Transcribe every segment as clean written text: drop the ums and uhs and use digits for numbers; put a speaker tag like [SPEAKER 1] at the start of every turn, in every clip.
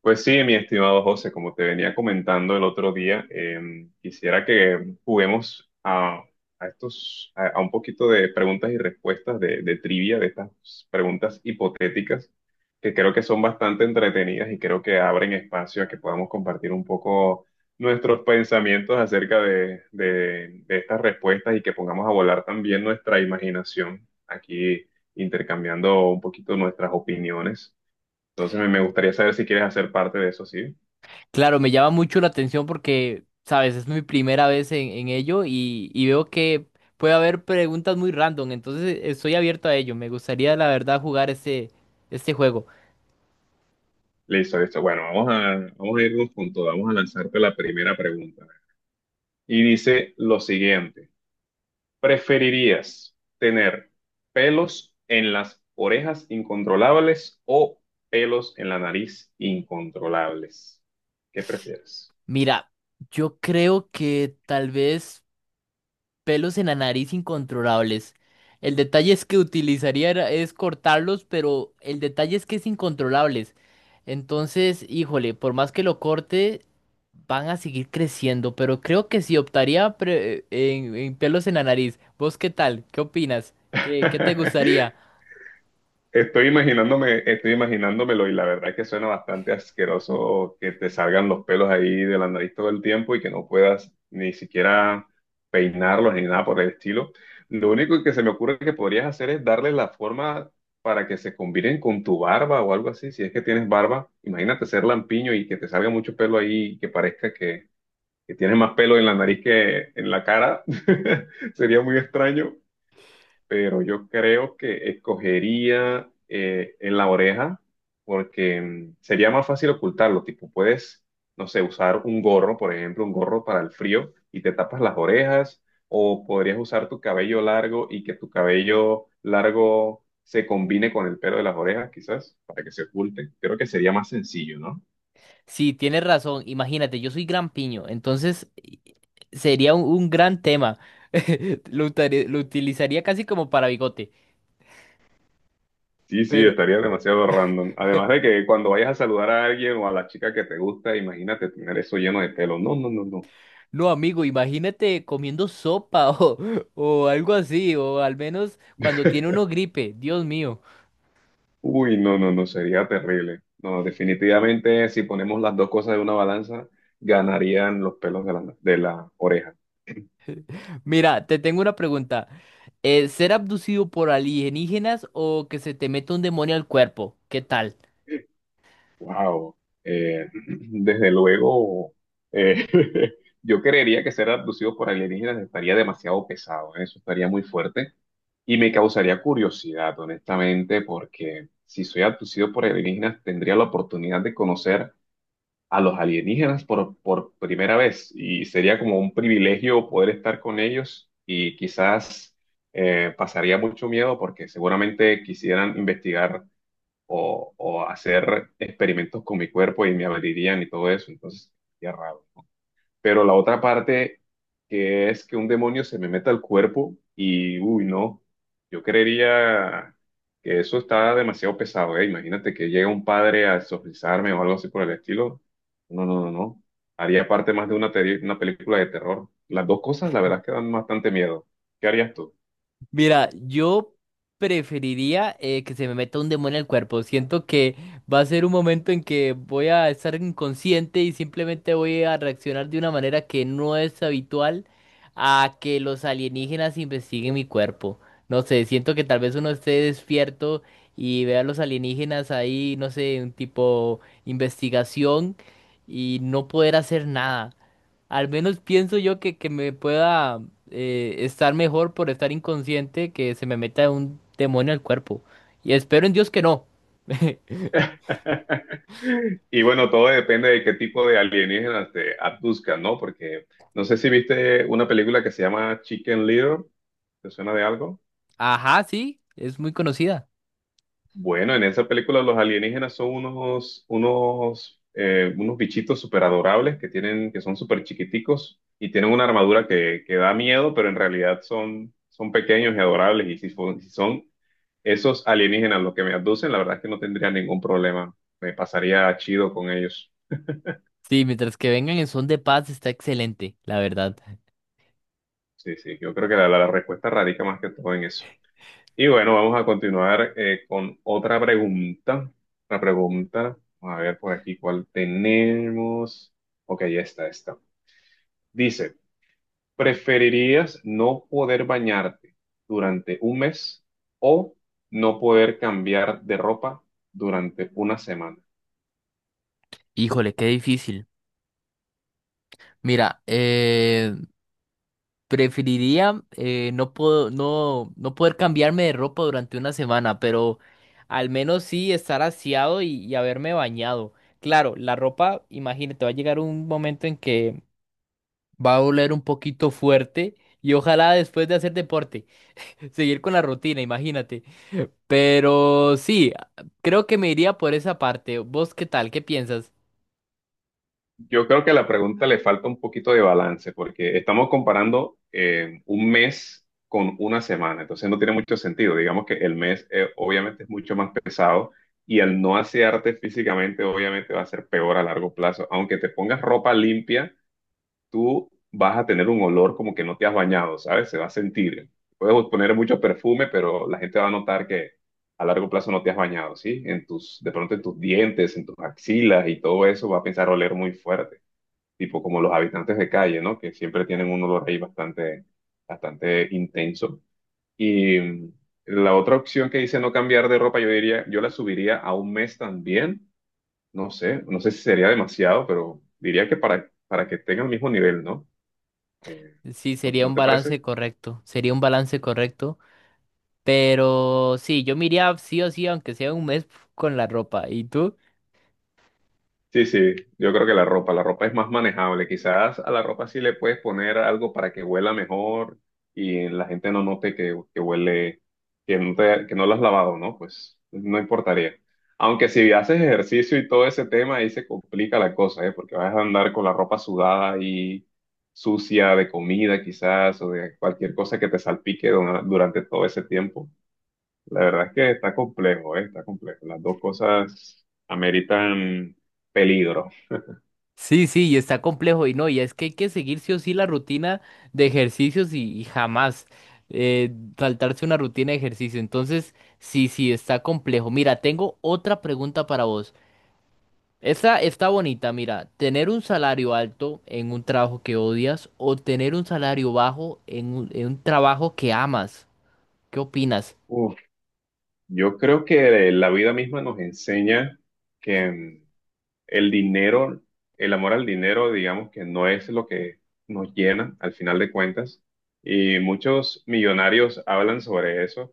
[SPEAKER 1] Pues sí, mi estimado José, como te venía comentando el otro día, quisiera que juguemos a un poquito de preguntas y respuestas de trivia, de estas preguntas hipotéticas, que creo que son bastante entretenidas y creo que abren espacio a que podamos compartir un poco nuestros pensamientos acerca de estas respuestas y que pongamos a volar también nuestra imaginación aquí intercambiando un poquito nuestras opiniones. Entonces me gustaría saber si quieres hacer parte de eso, ¿sí?
[SPEAKER 2] Claro, me llama mucho la atención porque, sabes, es mi primera vez en ello y veo que puede haber preguntas muy random. Entonces estoy abierto a ello. Me gustaría, la verdad, jugar este juego.
[SPEAKER 1] Listo, listo. Bueno, vamos a irnos con todo. Vamos a lanzarte la primera pregunta. Y dice lo siguiente. ¿Preferirías tener pelos en las orejas incontrolables o pelos en la nariz incontrolables? ¿Qué prefieres?
[SPEAKER 2] Mira, yo creo que tal vez pelos en la nariz incontrolables. El detalle es que es cortarlos, pero el detalle es que es incontrolables. Entonces, híjole, por más que lo corte, van a seguir creciendo, pero creo que sí en pelos en la nariz. ¿Vos qué tal? ¿Qué opinas? ¿Qué te gustaría?
[SPEAKER 1] Estoy imaginándome, estoy imaginándomelo y la verdad es que suena bastante asqueroso que te salgan los pelos ahí de la nariz todo el tiempo y que no puedas ni siquiera peinarlos ni nada por el estilo. Lo único que se me ocurre que podrías hacer es darle la forma para que se combinen con tu barba o algo así, si es que tienes barba. Imagínate ser lampiño y que te salga mucho pelo ahí y que parezca que tienes más pelo en la nariz que en la cara. Sería muy extraño, pero yo creo que escogería en la oreja porque sería más fácil ocultarlo, tipo, puedes, no sé, usar un gorro, por ejemplo, un gorro para el frío y te tapas las orejas, o podrías usar tu cabello largo y que tu cabello largo se combine con el pelo de las orejas, quizás, para que se oculte. Creo que sería más sencillo, ¿no?
[SPEAKER 2] Sí, tienes razón. Imagínate, yo soy gran piño, sería un gran tema. Lo utilizaría casi como para bigote.
[SPEAKER 1] Sí, sí, estaría demasiado random. Además de que cuando vayas a saludar a alguien o a la chica que te gusta, imagínate tener eso lleno de pelo. No, no, no, no.
[SPEAKER 2] No, amigo, imagínate comiendo sopa o algo así, o al menos cuando tiene uno gripe, Dios mío.
[SPEAKER 1] Uy, no, no, no, sería terrible. No, definitivamente si ponemos las dos cosas de una balanza, ganarían los pelos de de la oreja.
[SPEAKER 2] Mira, te tengo una pregunta. ¿ser abducido por alienígenas o que se te meta un demonio al cuerpo? ¿Qué tal?
[SPEAKER 1] Wow. Desde luego, eh, yo creería que ser abducido por alienígenas estaría demasiado pesado, ¿eh? Eso estaría muy fuerte y me causaría curiosidad, honestamente, porque si soy abducido por alienígenas, tendría la oportunidad de conocer a los alienígenas por primera vez y sería como un privilegio poder estar con ellos y quizás pasaría mucho miedo porque seguramente quisieran investigar o hacer experimentos con mi cuerpo y me abrirían y todo eso, entonces sería raro. Pero la otra parte que es que un demonio se me meta al cuerpo y, uy, no, yo creería que eso está demasiado pesado, ¿eh? Imagínate que llega un padre a exorcizarme o algo así por el estilo. No, no, no, no. Haría parte más de una película de terror. Las dos cosas, la verdad, es que dan bastante miedo. ¿Qué harías tú?
[SPEAKER 2] Mira, yo preferiría que se me meta un demonio al cuerpo. Siento que va a ser un momento en que voy a estar inconsciente y simplemente voy a reaccionar de una manera que no es habitual a que los alienígenas investiguen mi cuerpo. No sé, siento que tal vez uno esté despierto y vea a los alienígenas ahí, no sé, un tipo investigación y no poder hacer nada. Al menos pienso yo que me pueda estar mejor por estar inconsciente que se me meta un demonio al cuerpo. Y espero en Dios que no.
[SPEAKER 1] Y bueno, todo depende de qué tipo de alienígenas te abduzcan, ¿no? Porque no sé si viste una película que se llama Chicken Little, ¿te suena de algo?
[SPEAKER 2] Ajá, sí, es muy conocida.
[SPEAKER 1] Bueno, en esa película los alienígenas son unos bichitos súper adorables que tienen, que son súper chiquiticos y tienen una armadura que da miedo, pero en realidad son, son pequeños y adorables. Y si son esos alienígenas los que me abducen, la verdad es que no tendría ningún problema. Me pasaría chido con ellos.
[SPEAKER 2] Sí, mientras que vengan en son de paz está excelente, la verdad.
[SPEAKER 1] Sí, sí, yo creo que la respuesta radica más que todo en eso. Y bueno, vamos a continuar con otra pregunta. Una pregunta, a ver por aquí cuál tenemos. Ok, esta, esta. Dice, ¿preferirías no poder bañarte durante un mes o no poder cambiar de ropa durante una semana?
[SPEAKER 2] Híjole, qué difícil. Mira, preferiría no puedo, no, no poder cambiarme de ropa durante una semana, pero al menos sí estar aseado y haberme bañado. Claro, la ropa, imagínate, va a llegar un momento en que va a doler un poquito fuerte y ojalá después de hacer deporte, seguir con la rutina, imagínate. Pero sí, creo que me iría por esa parte. ¿Vos qué tal? ¿Qué piensas?
[SPEAKER 1] Yo creo que a la pregunta le falta un poquito de balance porque estamos comparando un mes con una semana, entonces no tiene mucho sentido. Digamos que el mes obviamente es mucho más pesado y al no asearte físicamente obviamente va a ser peor a largo plazo. Aunque te pongas ropa limpia, tú vas a tener un olor como que no te has bañado, ¿sabes? Se va a sentir. Puedes poner mucho perfume, pero la gente va a notar que a largo plazo no te has bañado, ¿sí? En tus, de pronto en tus dientes, en tus axilas y todo eso va a pensar oler muy fuerte, tipo como los habitantes de calle, ¿no? Que siempre tienen un olor ahí bastante, bastante intenso. Y la otra opción que dice no cambiar de ropa, yo diría, yo la subiría a un mes también. No sé, no sé si sería demasiado, pero diría que para que tenga el mismo nivel, ¿no? Eh,
[SPEAKER 2] Sí,
[SPEAKER 1] ¿No,
[SPEAKER 2] sería
[SPEAKER 1] no
[SPEAKER 2] un
[SPEAKER 1] te parece?
[SPEAKER 2] balance correcto, sería un balance correcto. Pero sí, yo me iría sí o sí, aunque sea un mes con la ropa. ¿Y tú?
[SPEAKER 1] Sí, sí, yo creo que la ropa es más manejable. Quizás a la ropa sí le puedes poner algo para que huela mejor y la gente no note que huele, que no lo has lavado, ¿no? Pues no importaría. Aunque si haces ejercicio y todo ese tema, ahí se complica la cosa, ¿eh? Porque vas a andar con la ropa sudada y sucia de comida quizás o de cualquier cosa que te salpique durante todo ese tiempo. La verdad es que está complejo, ¿eh? Está complejo. Las dos cosas ameritan peligro.
[SPEAKER 2] Sí, sí, y está complejo y no, y es que hay que seguir sí o sí la rutina de ejercicios y jamás saltarse una rutina de ejercicio. Entonces, sí, sí, está complejo. Mira, tengo otra pregunta para vos. Esa está bonita. Mira, tener un salario alto en un trabajo que odias o tener un salario bajo en un trabajo que amas. ¿Qué opinas?
[SPEAKER 1] Uf, yo creo que la vida misma nos enseña que el dinero, el amor al dinero, digamos que no es lo que nos llena al final de cuentas. Y muchos millonarios hablan sobre eso,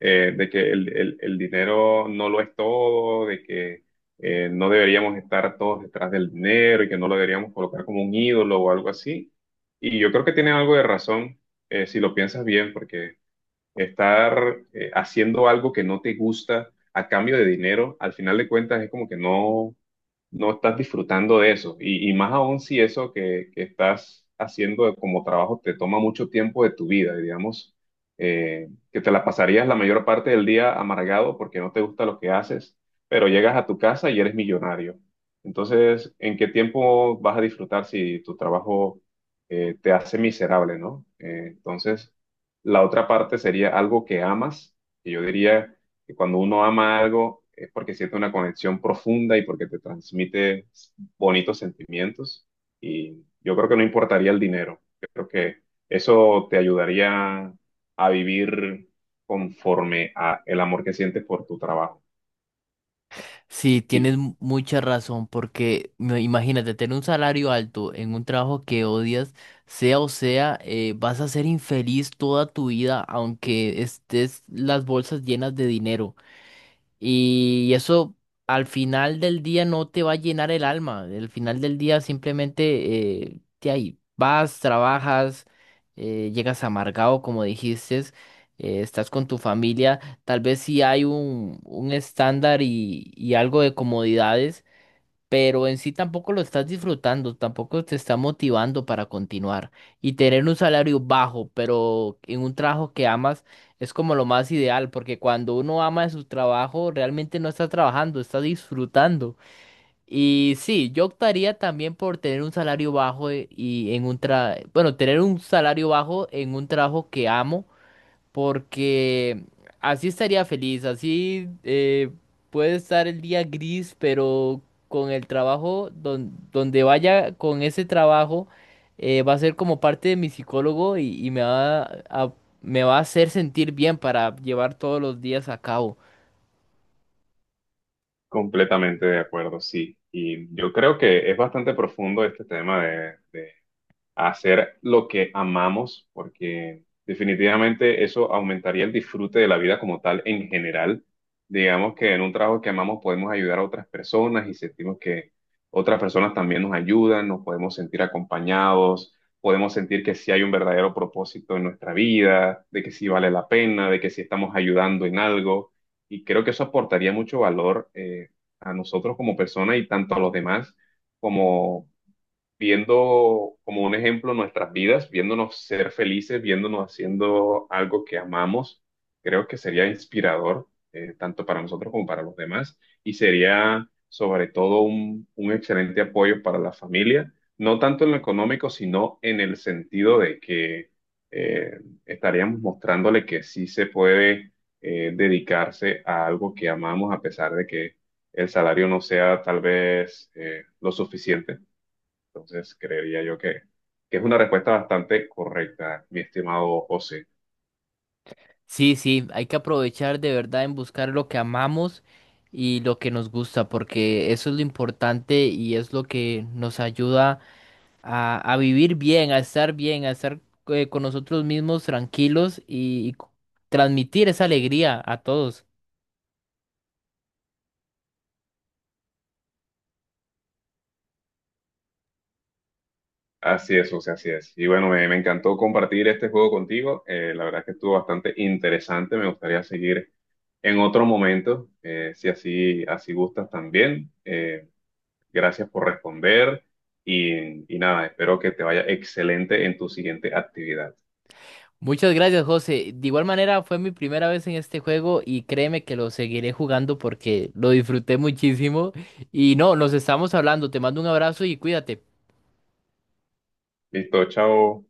[SPEAKER 1] de que el dinero no lo es todo, de que no deberíamos estar todos detrás del dinero y que no lo deberíamos colocar como un ídolo o algo así. Y yo creo que tienen algo de razón, si lo piensas bien, porque estar haciendo algo que no te gusta a cambio de dinero, al final de cuentas es como que no, no estás disfrutando de eso. Y más aún si eso que estás haciendo como trabajo te toma mucho tiempo de tu vida, digamos, que te la pasarías la mayor parte del día amargado porque no te gusta lo que haces, pero llegas a tu casa y eres millonario. Entonces, ¿en qué tiempo vas a disfrutar si tu trabajo te hace miserable, ¿no? Entonces, la otra parte sería algo que amas, que yo diría que cuando uno ama algo es porque siente una conexión profunda y porque te transmite bonitos sentimientos. Y yo creo que no importaría el dinero. Creo que eso te ayudaría a vivir conforme a el amor que sientes por tu trabajo.
[SPEAKER 2] Sí,
[SPEAKER 1] Y
[SPEAKER 2] tienes mucha razón, porque imagínate tener un salario alto en un trabajo que odias, vas a ser infeliz toda tu vida, aunque estés las bolsas llenas de dinero. Y eso al final del día no te va a llenar el alma. Al final del día simplemente te ahí vas, trabajas, llegas amargado, como dijiste, estás con tu familia. Tal vez si hay un estándar y algo de comodidades, pero en sí tampoco lo estás disfrutando, tampoco te está motivando para continuar. Y tener un salario bajo, pero en un trabajo que amas, es como lo más ideal, porque cuando uno ama su trabajo, realmente no está trabajando, está disfrutando. Y sí, yo optaría también por tener un salario bajo bueno, tener un salario bajo en un trabajo que amo, porque así estaría feliz. Así puede estar el día gris, pero con el trabajo, donde vaya con ese trabajo, va a ser como parte de mi psicólogo y a, me va a hacer sentir bien para llevar todos los días a cabo.
[SPEAKER 1] completamente de acuerdo, sí. Y yo creo que es bastante profundo este tema de a hacer lo que amamos, porque definitivamente eso aumentaría el disfrute de la vida como tal en general. Digamos que en un trabajo que amamos podemos ayudar a otras personas y sentimos que otras personas también nos ayudan, nos podemos sentir acompañados, podemos sentir que sí hay un verdadero propósito en nuestra vida, de que sí vale la pena, de que sí estamos ayudando en algo. Y creo que eso aportaría mucho valor a nosotros como personas y tanto a los demás como viendo como un ejemplo nuestras vidas, viéndonos ser felices, viéndonos haciendo algo que amamos, creo que sería inspirador, tanto para nosotros como para los demás, y sería sobre todo un excelente apoyo para la familia, no tanto en lo económico, sino en el sentido de que eh, estaríamos mostrándole que sí se puede dedicarse a algo que amamos a pesar de que el salario no sea tal vez lo suficiente. Entonces, creería yo que es una respuesta bastante correcta, mi estimado José.
[SPEAKER 2] Sí, sí, hay que aprovechar de verdad en buscar lo que amamos y lo que nos gusta, porque eso es lo importante y es lo que nos ayuda a vivir bien, a estar con nosotros mismos tranquilos y transmitir esa alegría a todos.
[SPEAKER 1] Así es, José, así es. Y bueno, me encantó compartir este juego contigo. La verdad es que estuvo bastante interesante. Me gustaría seguir en otro momento, si así gustas también. Gracias por responder y nada, espero que te vaya excelente en tu siguiente actividad.
[SPEAKER 2] Muchas gracias, José. De igual manera, fue mi primera vez en este juego y créeme que lo seguiré jugando porque lo disfruté muchísimo. Y no, nos estamos hablando. Te mando un abrazo y cuídate.
[SPEAKER 1] Listo, chao.